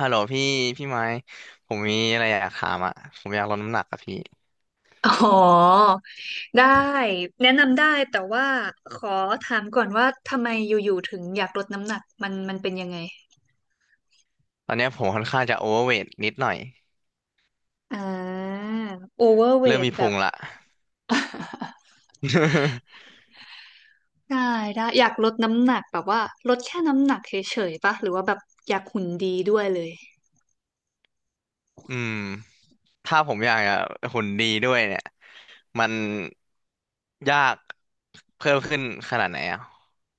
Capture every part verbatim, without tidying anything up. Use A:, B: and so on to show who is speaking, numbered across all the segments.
A: ฮัลโหลพี่พี่ไม้ผมมีอะไรอยากถามอ่ะผมอยากลดน้ำหนักอะพี่
B: อ๋อได้แนะนำได้แต่ว่าขอถามก่อนว่าทำไมอยู่ๆถึงอยากลดน้ำหนักมันมันเป็นยังไง
A: ตอนเนี้ยผมค่อนข้างจะโอเวอร์เวทนิดหน่อย
B: อ่าโอเวอร์เว
A: เริ่ม
B: ท
A: มี
B: แบ
A: พุ
B: บ
A: งละ
B: ได้ได้อยากลดน้ำหนักแบบว่าลดแค่น้ำหนักเฉยๆปะหรือว่าแบบอยากหุ่นดีด้วยเลย
A: อืมถ้าผมอยากจะหุ่นดีด้วยเนี่ยมันยากเพิ่มขึ้นขนาดไหนอ่ะ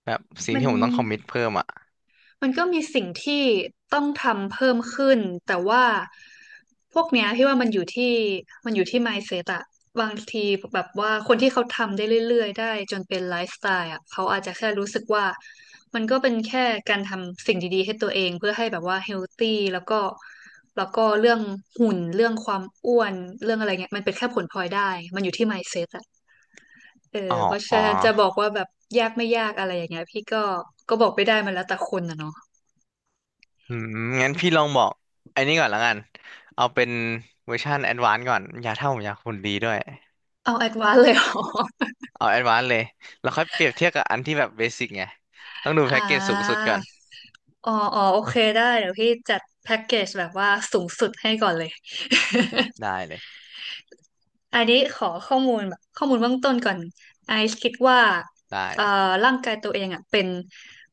A: แบบสิ่ง
B: มัน
A: ที่ผมต้องคอมมิตเพิ่มอ่ะ
B: มันก็มีสิ่งที่ต้องทำเพิ่มขึ้นแต่ว่าพวกเนี้ยพี่ว่ามันอยู่ที่มันอยู่ที่ mindset อะบางทีแบบว่าคนที่เขาทำได้เรื่อยๆได้จนเป็นไลฟ์สไตล์อะเขาอาจจะแค่รู้สึกว่ามันก็เป็นแค่การทำสิ่งดีๆให้ตัวเองเพื่อให้แบบว่าเฮลตี้แล้วก็แล้วก็เรื่องหุ่นเรื่องความอ้วนเรื่องอะไรเงี้ยมันเป็นแค่ผลพลอยได้มันอยู่ที่ mindset อะเออ
A: อ๋อ
B: เพราะ
A: อ๋
B: ฉะ
A: อ
B: นั้นจะบอกว่าแบบยากไม่ยากอะไรอย่างเงี้ยพี่ก็ก็บอกไม่ได้มันแล้วแต่คนนะเนาะ
A: อืมงั้นพี่ลองบอกไอ้นี่ก่อนละกันเอาเป็นเวอร์ชันแอดวานซ์ก่อนอยากถ้าผมอยากหุ่นดีด้วย
B: เอาแอดวานเลย เหรอ
A: เอาแอดวานซ์เลย แล้วค่อยเปรียบเทียบกับอันที่แบบเบสิกไงต้องดู
B: อ่
A: แพ็กเกจสูงสุด
B: า
A: ก่อน
B: อ๋ออ๋อโอเคได้เดี๋ยวพี่จัดแพ็กเกจแบบว่าสูงสุดให้ก่อนเลย
A: ได้เลย
B: อันนี้ขอข้อมูลแบบข้อมูลเบื้องต้นก่อนไอซ์คิดว่า
A: ได้
B: เอ่อร่างกายตัวเองอ่ะเป็น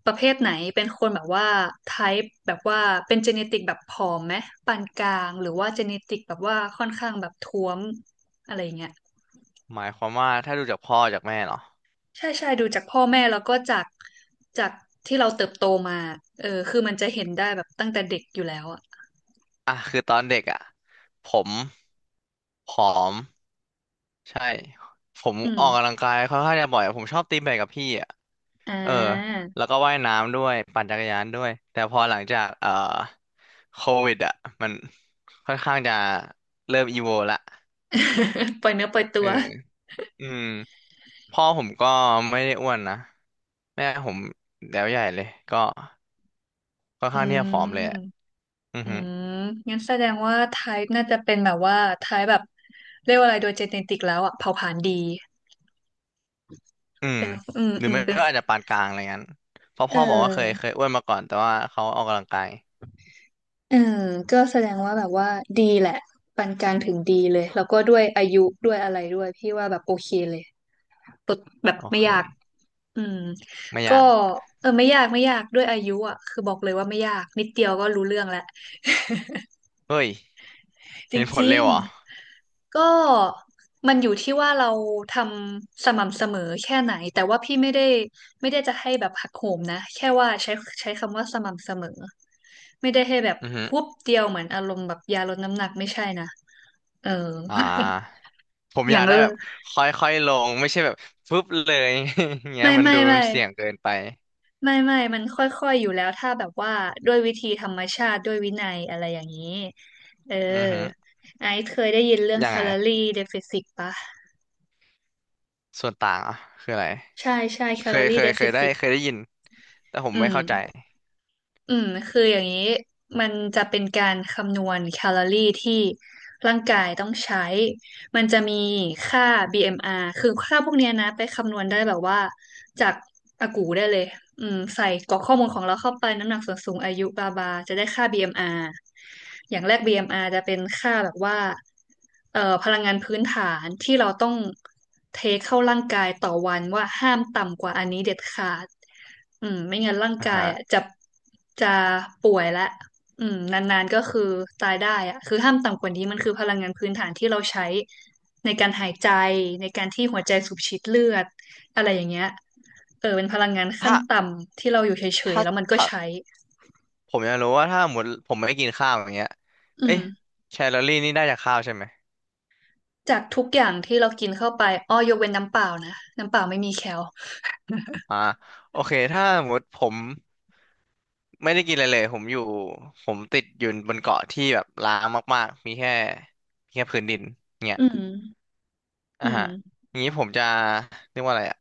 B: ประเภทไหน เป็นคนแบบว่าไทป์แบบว่าเป็นเจเนติกแบบผอมไหมปานกลางหรือว่าเจเนติกแบบว่าค่อนข้างแบบท้วมอะไรอย่างเงี้ย
A: หมายความว่าถ้าดูจากพ่อจากแม่เนาะ
B: ใช่ใช่ดูจากพ่อแม่แล้วก็จากจากที่เราเติบโตมาเออคือมันจะเห็นได้แบบตั้งแต่เด็กอยู่แล้วอ่ะ
A: อ่ะคือตอนเด็กอ่ะผมผอม ใช่ ผม
B: อื
A: อ
B: ม
A: อกกำลังกายค่อนข้างจะบ่อยอะผมชอบตีแบดกับพี่อ่ะ
B: อ่
A: เออ
B: า
A: แล้วก็ว่ายน้ำด้วย ปั่นจักรยานด้วย แต่พอหลังจากเอ่อโควิดอ่ะมันค่อนข้างจะเริ่มอีโวละ
B: ปล่อยเนื้อปล่อยตั
A: เออ
B: ว
A: อืม พ่อผมก็ไม่ได้อ้วนนะแม่ผมแล้วใหญ่เลยก็ค่อน
B: อื
A: ข้างที่จะผอ
B: ม
A: มเลยอะอือ
B: อื
A: ฮึ
B: มงั้นแสดงว่าไทป์น่าจะเป็นแบบว่าไทป์แบบเรียกว่าอะไรโดยเจเนติกแล้วอ่ะเผ่าผลาญดี
A: อืม
B: เป็นอืม
A: หรือ
B: อืม
A: ไม่
B: เป็น
A: ก็อาจจะปานกลางอะไรงั้นเพราะ
B: เอ
A: พ่อบอกว่าเคยเค
B: อ
A: ยอ้วนมาก่อนแต่ว่าเขาออกกำลังกาย
B: เออก็แสดงว่าแบบว่าดีแหละปานกลางถึงดีเลยแล้วก็ด้วยอายุด้วยอะไรด้วยพี่ว่าแบบโอเคเลย ฝึกแบบ
A: โอ
B: ไม่
A: เค
B: ยากอืม
A: ไม่อ
B: ก็
A: ยาก
B: เออไม่ยากไม่ยากด้วยอายุอ่ะคือบอกเลยว่าไม่ยากนิดเดียวก็รู้เรื่องแล้ว
A: เฮ้ย
B: จ
A: เห็นผล
B: ริ
A: เร็
B: ง
A: วเหรอ
B: ๆก็มันอยู่ที่ว่าเราทำสม่ำเสมอแค่ไหนแต่ว่าพี่ไม่ได้ไม่ได้จะให้แบบหักโหมนะแค่ว่าใช้ใช้คำว่าสม่ำเสมอไม่ได้ให้แบบ
A: อือฮึ
B: พุบเดียวเหมือนอารมณ์แบบยาลดน้ำหนักไม่ใช่นะเออ
A: อ่าผม
B: อ
A: อ
B: ย่า
A: ยา
B: ง
A: ก
B: เอ
A: ได้
B: อ
A: แบบค่อยๆลงไม่ใช่แบบฟึบเลย อย่างเงี้ย
B: ไม่
A: มัน
B: ไม่
A: ดู
B: ไม่
A: เสี่ยงเกินไป
B: ไม่ไม่มันค่อยๆอยู่แล้วถ้าแบบว่าด้วยวิธีธรรมชาติด้วยวินัยอะไรอย่างนี้เออ
A: อือฮึ
B: ไอซ์เคยได้ยินเรื่อง
A: ยั
B: แค
A: งไง
B: ลอรี่เดฟิซิตปะ
A: ส่วนต่างอ่ะคืออะไร
B: ใช่ใช่แค
A: เค
B: ลอ
A: ย
B: รี่
A: เค
B: เด
A: ยเค
B: ฟิ
A: ยได้
B: ซิต
A: เคยได้ยินแต่ผม
B: อื
A: ไม่
B: ม
A: เข้าใจ
B: อืมคืออย่างนี้มันจะเป็นการคำนวณแคลอรี่ที่ร่างกายต้องใช้ มันจะมีค่า บี เอ็ม อาร์ คือค่าพวกเนี้ยนะไปคำนวณได้แบบว่าจากอากูได้เลยอืมใส่กรอกข้อมูลของเราเข้าไปน้ำหนักส่วนสูงอายุบาบาจะได้ค่า บี เอ็ม อาร์ อมอาร์อย่างแรก บี เอ็ม อาร์ จะเป็นค่าแบบว่าเอ่อพลังงานพื้นฐานที่เราต้องเทเข้าร่างกายต่อวันว่าห้ามต่ำกว่าอันนี้เด็ดขาดอืมไม่งั้นร่าง
A: อ่า
B: กาย
A: ฮะ
B: อ่ะจะจะป่วยละ อืมนานๆก็คือตายได้อะคือห้ามต่ำกว่านี้มันคือพลังงานพื้นฐานที่เราใช้ในการหายใจในการที่หัวใจสูบฉีดเลือดอะไรอย่างเงี้ยเออเป็นพลังงานขั้น
A: ถ้า
B: ต่ำที่เราอยู่เฉย
A: ถ้า
B: ๆแล้วมันก็
A: ถ้า
B: ใช้
A: ผมอยากรู้ว่าถ้าหมดผมไม่กินข้าวอย่างเงี้ย
B: อื
A: เอ๊ะ
B: ม
A: แคลอรี่นี่ได้จากข้าวใช่ไหม
B: จากทุกอย่างที่เรากินเข้าไปอ้อยกเว้นน้ำเปล่านะน้ำเปล่าไม่มีแคล
A: อ่าโอเคถ้าหมดผมไม่ได้กินอะไรเลยผมอยู่ผมติดอยู่บนเกาะที่แบบร้างมากๆมีแค่มีแค่พื้นดินเนี่ย
B: อืมอื
A: อ่ะฮะ
B: ม
A: อย่างนี้ผมจะเรียกว่าอะไรอ่ะ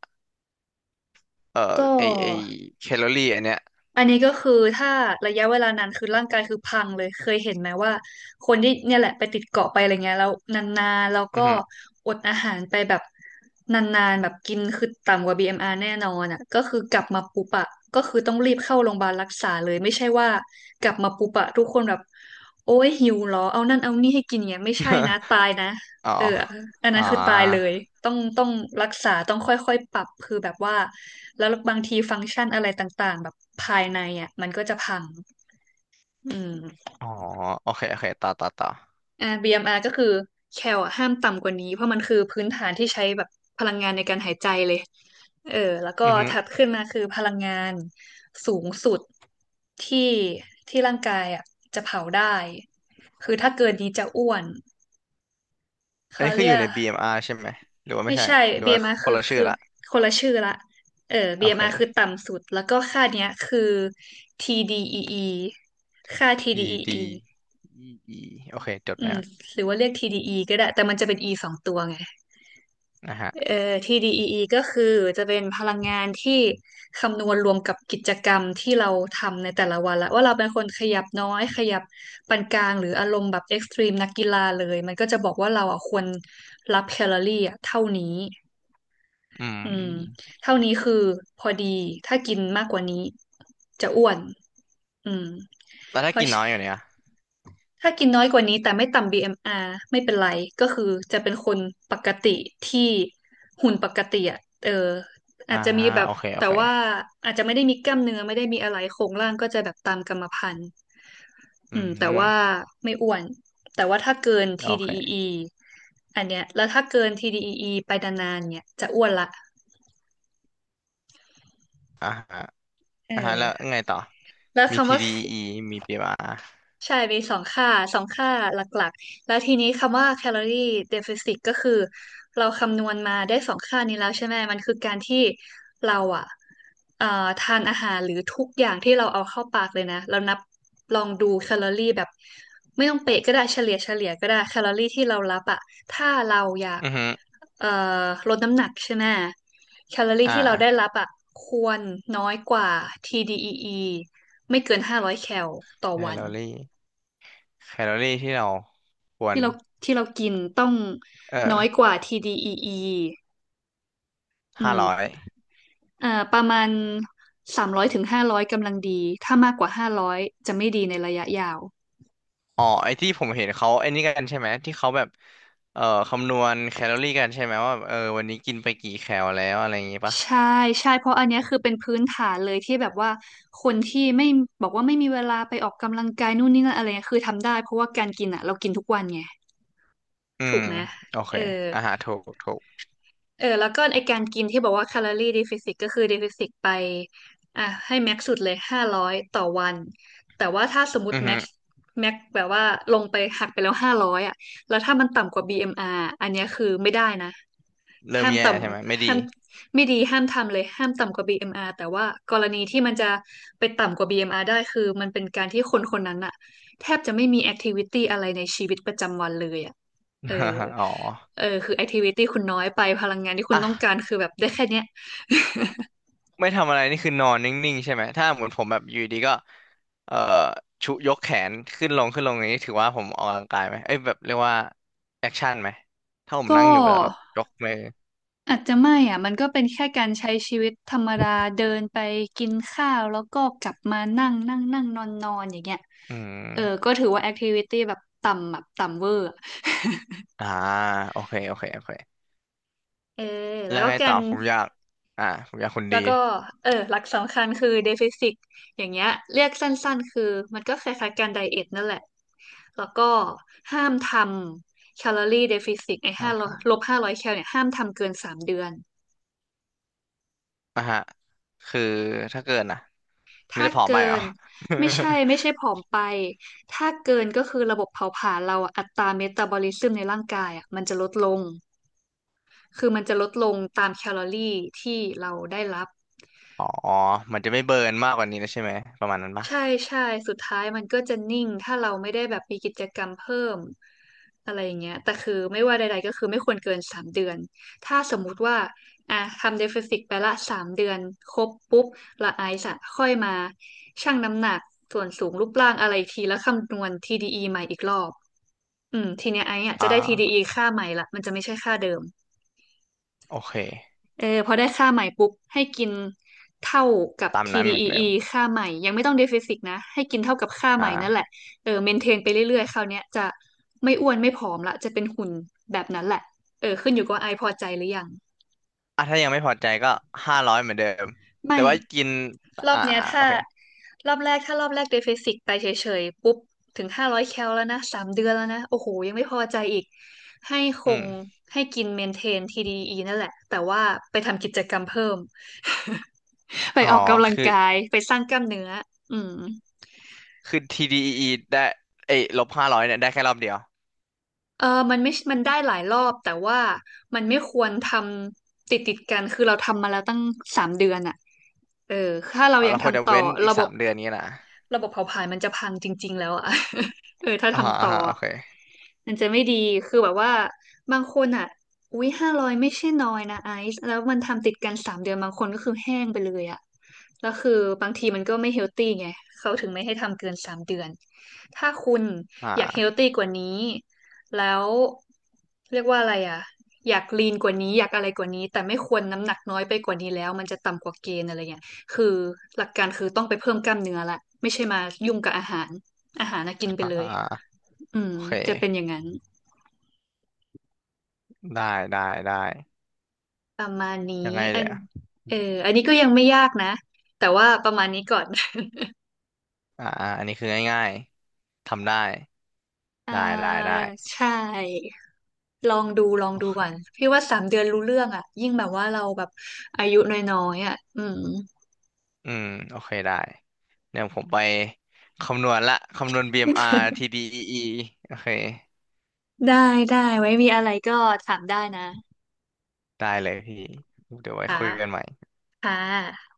A: เอ่
B: ก
A: อไอไอ
B: ็
A: แคลอรี่อันเนี้ย
B: อันนี้ก็คือถ้าระยะเวลานานคือร่างกายคือพังเลยเคยเห็นไหมว่าคนที่เนี่ยแหละไปติดเกาะไปอะไรเงี้ยแล้วนานๆแล้ว
A: อื
B: ก็
A: อฮึ
B: อดอาหารไปแบบนานๆแบบกินคือต่ำกว่า บี เอ็ม อาร์ แน่นอนอ่ะก็คือกลับมาปุ๊บอะก็คือต้องรีบเข้าโรงพยาบาลรักษาเลยไม่ใช่ว่ากลับมาปุ๊บอะทุกคนแบบโอ้ยหิวเหรอเอานั่นเอานี่ให้กินเงี้ยไม่ใช่นะ ตายนะ
A: อ๋อ
B: เอออันนั้
A: อ๋อ
B: นคือตายเลย ต้องต้องรักษาต้องค่อยๆปรับคือแบบว่าแล้วบางทีฟังก์ชันอะไรต่างๆแบบภายในอ่ะมันก็จะพังอืม
A: อ๋อโอเคโอเคต่อต่อต่อ
B: อ่า บี เอ็ม อาร์ ก็คือแคลอะห้ามต่ำกว่านี้เพราะมันคือพื้นฐานที่ใช้แบบพลังงานในการหายใจเลยเออแล้วก็
A: อือฮึ
B: ถัดขึ้นมาคือพลังงานสูงสุดที่ที่ร่างกายอ่ะจะเผาได้ คือถ้าเกินนี้จะอ้วน
A: อัน
B: เขา
A: นี้คื
B: เรี
A: ออ
B: ย
A: ยู่
B: ก
A: ใน บี เอ็ม อาร์ ใช่ไหมหรือว่าไม่
B: ไม่
A: ใช่
B: ใช่
A: หรือว่า
B: บี เอ็ม อาร์
A: ค
B: คื
A: น
B: อ
A: ละชื่อ
B: คือ
A: ละ
B: คนละชื่อละเออ
A: โอเค
B: บี เอ็ม อาร์ คือต่ำสุดแล้วก็ค่าเนี้ยคือ ที ดี อี อี ค่า ที ดี อี อี ออี
A: ที ดี อี อี โอเคจด
B: อื
A: ไว้
B: ม
A: อ่ะ
B: หรือว่าเรียก ที ดี อี ก็ได้แต่มันจะเป็น E สองตัวไง
A: นนะฮะ
B: เอ่อ ที ดี อี อี ก็คือจะเป็นพลังงานที่คำนวณรวมกับกิจกรรมที่เราทำในแต่ละวันละว่าเราเป็นคนขยับน้อยขยับปานกลางหรืออารมณ์แบบเอ็กซ์ตรีมนักกีฬาเลยมันก็จะบอกว่าเราอ่ะควรรับแคลอรี่อ่ะเท่านี้
A: อืม
B: อืมเท่านี้คือพอดีถ้ากินมากกว่านี้จะอ้วนอืม
A: แล้ว
B: เพ
A: ถ้า
B: ราะ
A: กินน้อยอยู่เนี่ย
B: ถ้ากินน้อยกว่านี้แต่ไม่ต่ำ บี เอ็ม อาร์ ไม่เป็นไรก็คือจะเป็นคนปกติที่หุ่นปกติอ่ะเออ
A: อ่า
B: อาจจะมีแบบ
A: โอเคโอ
B: แต่
A: เค
B: ว่าอาจจะไม่ได้มีกล้ามเนื้อไม่ได้มีอะไรโครงร่างก็จะแบบตามกรรมพันธุ์อื
A: อื
B: มแต่
A: ม
B: ว่าไม่อ้วนแต่ว่าถ้าเกิน
A: โอ
B: ที ดี อี อี
A: เค
B: ออีอันเนี้ยแล้วถ้าเกิน ที ดี อี อี ไปนานๆเนี่ยจะอ้วนละ
A: อ่าฮะ
B: เอ
A: อ่าฮะแล้ว
B: อ
A: ไงต่อ
B: แล้ว
A: มี
B: คำว่า
A: ที ดี อี อี มี บี เอ็ม อาร์ อมอาร์
B: ใช่มีสองค่าสองค่าหลักๆแล้วทีนี้คำว่า calorie deficit ก็คือเราคำนวณมาได้สองค่านี้แล้วใช่ไหมมันคือการที่เราอ่ะเอ่อทานอาหารหรือทุกอย่างที่เราเอาเข้าปากเลยนะเรานับลองดูแคลอรี่แบบไม่ต้องเป๊ะก็ได้เฉลี่ยเฉลี่ยก็ได้แคลอรี่ที่เรารับอ่ะถ้าเราอยาก
A: อือฮึ
B: เอ่อลดน้ำหนักใช่ไหมแคลอรี่
A: อ่
B: ที่เราได้รั
A: า
B: บอ่ะควรน้อยกว่า ที ดี อี อี ไม่เกินห้าร้อยแคลต่อ
A: แค
B: วั
A: ล
B: น
A: อรี่แคลอรี่ที่เราควร
B: ที่เราที่เรากินต้อง
A: เออ
B: น้อยกว่า ที ดี อี อี ออีอื
A: ห้าร้อย
B: มอ่าประมาณสามร้อยถึงห้าร้อยกำลังดี ถ้ามากกว่าห้าร้อยจะไม่ดีในระยะยาว
A: อ๋อไอ้ที่ผมเห็นเขาไอ้นี่กันใช่ไหมที่เขาแบบเอ่อคำนวณแคลอรี่กันใช่ไหมว่าแบบเออวันนี้กินไปกี่แคลแล้วอะไรอย่างงี้ปะ
B: ใช่ใช่เพราะอันเนี้ยคือเป็นพื้นฐานเลยที่แบบว่าคนที่ไม่บอกว่าไม่มีเวลาไปออกกำลังกายนู่นนี่นั่นอะไรเงี้ยคือทำได้เพราะว่าการกินอ่ะเรากินทุกวันไง
A: อื
B: ถู
A: ม
B: กไหม
A: โอเค
B: เออ
A: อาหารถูกถูก
B: เออแล้วก็ไอการกินที่บอกว่าแคลอรี่ดิฟิซิตก็คือดิฟิซิตไปอ่ะให้แม็กซ์สุดเลยห้าร้อยต่อวันแต่ว่าถ้าสมมติ
A: อือ
B: แม็
A: ฮึ
B: กซ์แม็กซ์แบบว่าลงไปหักไปแล้วห้าร้อยอ่ะแล้วถ้ามันต่ำกว่า บี เอ็ม อาร์ อมอาร์อันเนี้ยคือไม่ได้นะ
A: เริ่ม
B: ห้าม
A: แย่
B: ต่
A: ใช่ไหมไม่
B: ำ
A: ดี
B: ห้ามไม่ดีห้ามทำเลยห้ามต่ำกว่า บี เอ็ม อาร์ แต่ว่ากรณีที่มันจะไปต่ำกว่า บี เอ็ม อาร์ ได้คือมันเป็นการที่คนคนนั้นอ่ะแทบจะไม่มีแอคทิวิตี้อะไรในชีวิตประจำวันเลยอ่ะเออ
A: อ๋อ
B: เออคือ activity คุณน้อยไปพลังงานที่คุณต้องการ
A: อ่ะ
B: คือแบบได้แค่เนี้ย
A: ไม่ทำอะไรนี่คือนอนนิ่งๆใช่ไหมถ้าเหมือนผมแบบอยู่ดีก็เอ่อชุยกแขนขึ้นลงขึ้นลงอย่างนี้ถือว่าผมออกกำลังกายไหมเอ้ยแบบเรียกว่าแอคชั่นไหมถ้าผมนั่
B: ก็
A: งอยู่แล้วแบบยกมือ
B: อาจจะไม่อ่ะมันก็เป็นแค่การใช้ชีวิตธรรมดาเดินไปกินข้าวแล้วก็กลับมานั่งนั่งนั่งนอนนอนอย่างเงี้ย
A: อื
B: เออ
A: ม
B: ก็ถือว่า activity แบบต่ำแบบต่ำเวอร์อะ
A: อ่าโอเคโอเคโอเค
B: เออแล้
A: แล้
B: ว
A: ว
B: ก็
A: ไง
B: กา
A: ต่อ
B: ร
A: ผมอยากอ่าผมอยากหุ่น
B: แล้
A: ดี
B: วก็เออหลักสำคัญคือเดฟิซิกอย่างเงี้ยเรียกสั้นๆคือมันก็คล้ายๆการไดเอทนั่นแหละแล้วก็ห้ามทำแคลอรี่เดฟิซิกไอ้
A: ครั
B: ห้า
A: บครับ
B: ลบห้าร้อยแคลเนี่ยห้ามทำเกินสามเดือน
A: อ่ะฮะคือถ้าเกินอ่ะมัน
B: ถ้า
A: จะผอม
B: เกิ
A: ไปเหรอ
B: นไม่ใช่ไม่ใช่ ผอมไปถ้าเกินก็คือระบบเผาผลาญเราอะอัตราเมตาบอลิซึมในร่างกายอ่ะมันจะลดลงคือมันจะลดลงตามแคลอรี่ที่เราได้รับ
A: อ๋อมันจะไม่เบิร์นมากกว่านี้นะใช่ไหมประมาณนั้นปะ
B: ใช่ใช่สุดท้ายมันก็จะนิ่งถ้าเราไม่ได้แบบมีกิจกรรมเพิ่มอะไรอย่างเงี้ยแต่คือไม่ว่าใดๆก็คือไม่ควรเกินสามเดือนถ้าสมมุติว่าอ่ะทำเดฟเฟซิตไปละสามเดือนครบปุ๊บละไอซ์อะค่อยมาชั่งน้ำหนักส่วนสูงรูปร่างอะไรอีกทีแล้วคำนวณ ที ดี อี ใหม่อีกรอบอืมทีเนี้ยไอซ์อะ
A: อ่
B: จะได้ ที ดี อี
A: า
B: ค่าใหม่ละมันจะไม่ใช่ค่าเดิม
A: โอเค
B: เออพอได้ค่าใหม่ปุ๊บให้กินเท่ากับ
A: ตามนั้นเหมือนเดิ
B: ที ดี อี อี
A: ม
B: ค่าใหม่ยังไม่ต้องเดฟิซิตนะให้กินเท่ากับค่าใหม่นั่นแหละ
A: อ่า
B: เออเมนเทนไปเรื่อยๆคราวเนี้ยจะไม่อ้วนไม่ผอมละจะเป็นหุ่นแบบนั้นแหละเออขึ้นอยู่กับว่าไอพอใจหรือยัง
A: อ่ะถ้ายังไม่พอใจก็ห้าร้อยเหมือนเดิมแต่
B: ไม่
A: ว่ากิน
B: รอ
A: อ่า
B: บเนี้ย
A: โอ
B: ถ้า
A: เค
B: รอบแรกถ้ารอบแรกเดฟ i ซิกไปเฉยๆปุ๊บถึงห้าร้อยแคลแล้วนะสามเดือนแล้วนะโอ้โหยังไม่พอใจอีกให้ค
A: อื
B: ง
A: ม
B: ให้กินเมนเทน ที ดี อี อี นั่นแหละแต่ว่าไปทำกิจกรรมเพิ่ม ไป
A: อ๋อ
B: ออกกำลัง
A: คือ
B: กายไปสร้างกล้ามเนื้ออืม
A: คือ ที ดี อี อี ได้เอ้ยลบห้าร้อยเนี่ยได้แค่รอบเดียว
B: เออมันไม่มันได้หลายรอบแต่ว่ามันไม่ควรทำติดติดกันคือเราทำมาแล้วตั้งสามเดือนอะเออถ้าเรา
A: อ๋อ
B: ยัง
A: เราควรจะ
B: ทำต่อ
A: เว้นอีก
B: ระบ
A: สา
B: บ
A: มเดือนนี้นะ
B: ระบบเผาผลาญมันจะพังจริงๆแล้วอ่ะ เออถ้า
A: อ่า
B: ทำ
A: อ่า
B: ต่อ
A: โอ
B: อะ
A: เค
B: มันจะไม่ดีคือแบบว่าบางคนอ่ะอุ๊ยห้าร้อยไม่ใช่น้อยนะไอซ์แล้วมันทำติดกันสามเดือนบางคนก็คือแห้งไปเลยอ่ะแล้วคือบางทีมันก็ไม่เฮลตี้ไงเขาถึงไม่ให้ทำเกินสามเดือน ถ้าคุณอยากเฮล
A: อ่า
B: ตี้กว่านี้แล้วเรียกว่าอะไรอ่ะอยากลีนกว่านี้อยากอะไรกว่านี้ แต่ไม่ควรน้ำหนักน้อยไปกว่านี้แล้วมันจะต่ำกว่าเกณฑ์อะไรเงี้ย คือหลักการคือต้องไปเพิ่มกล้ามเนื้อละไม่ใช่มายุ่งกับอาหารอาหารนะกินไป
A: อ่
B: เลย
A: า
B: อืม
A: โอเค
B: จะเป็นอย่างนั้น
A: ได้ได้ได้
B: ประมาณนี้
A: ยังไง
B: อั
A: เดี๋
B: น
A: ยว
B: เอออันนี้ก็ยังไม่ยากนะแต่ว่าประมาณนี้ก่อน
A: อ่าอ่าอันนี้คือง่ายๆทำได้
B: อ่า
A: ได้ได้ได้
B: ใช่ลองดูลอง
A: โอ
B: ดูก่อน
A: เค
B: พี่ว่าสามเดือนรู้เรื่องอ่ะยิ่งแบบว่าเราแบบอายุน้อยๆอ่ะอืม
A: อืมโอเคได้เดี๋ยวผมไปคำนวณละคำนวณ บี เอ็ม อาร์ ที ดี อี อี โอเค
B: ได้ได้ไว้มีอะไรก็ถามได้นะ
A: ได้เลยพี่เดี๋ยวไว้
B: ค
A: คุยกันให
B: ่ะ
A: ม่
B: ค่ะ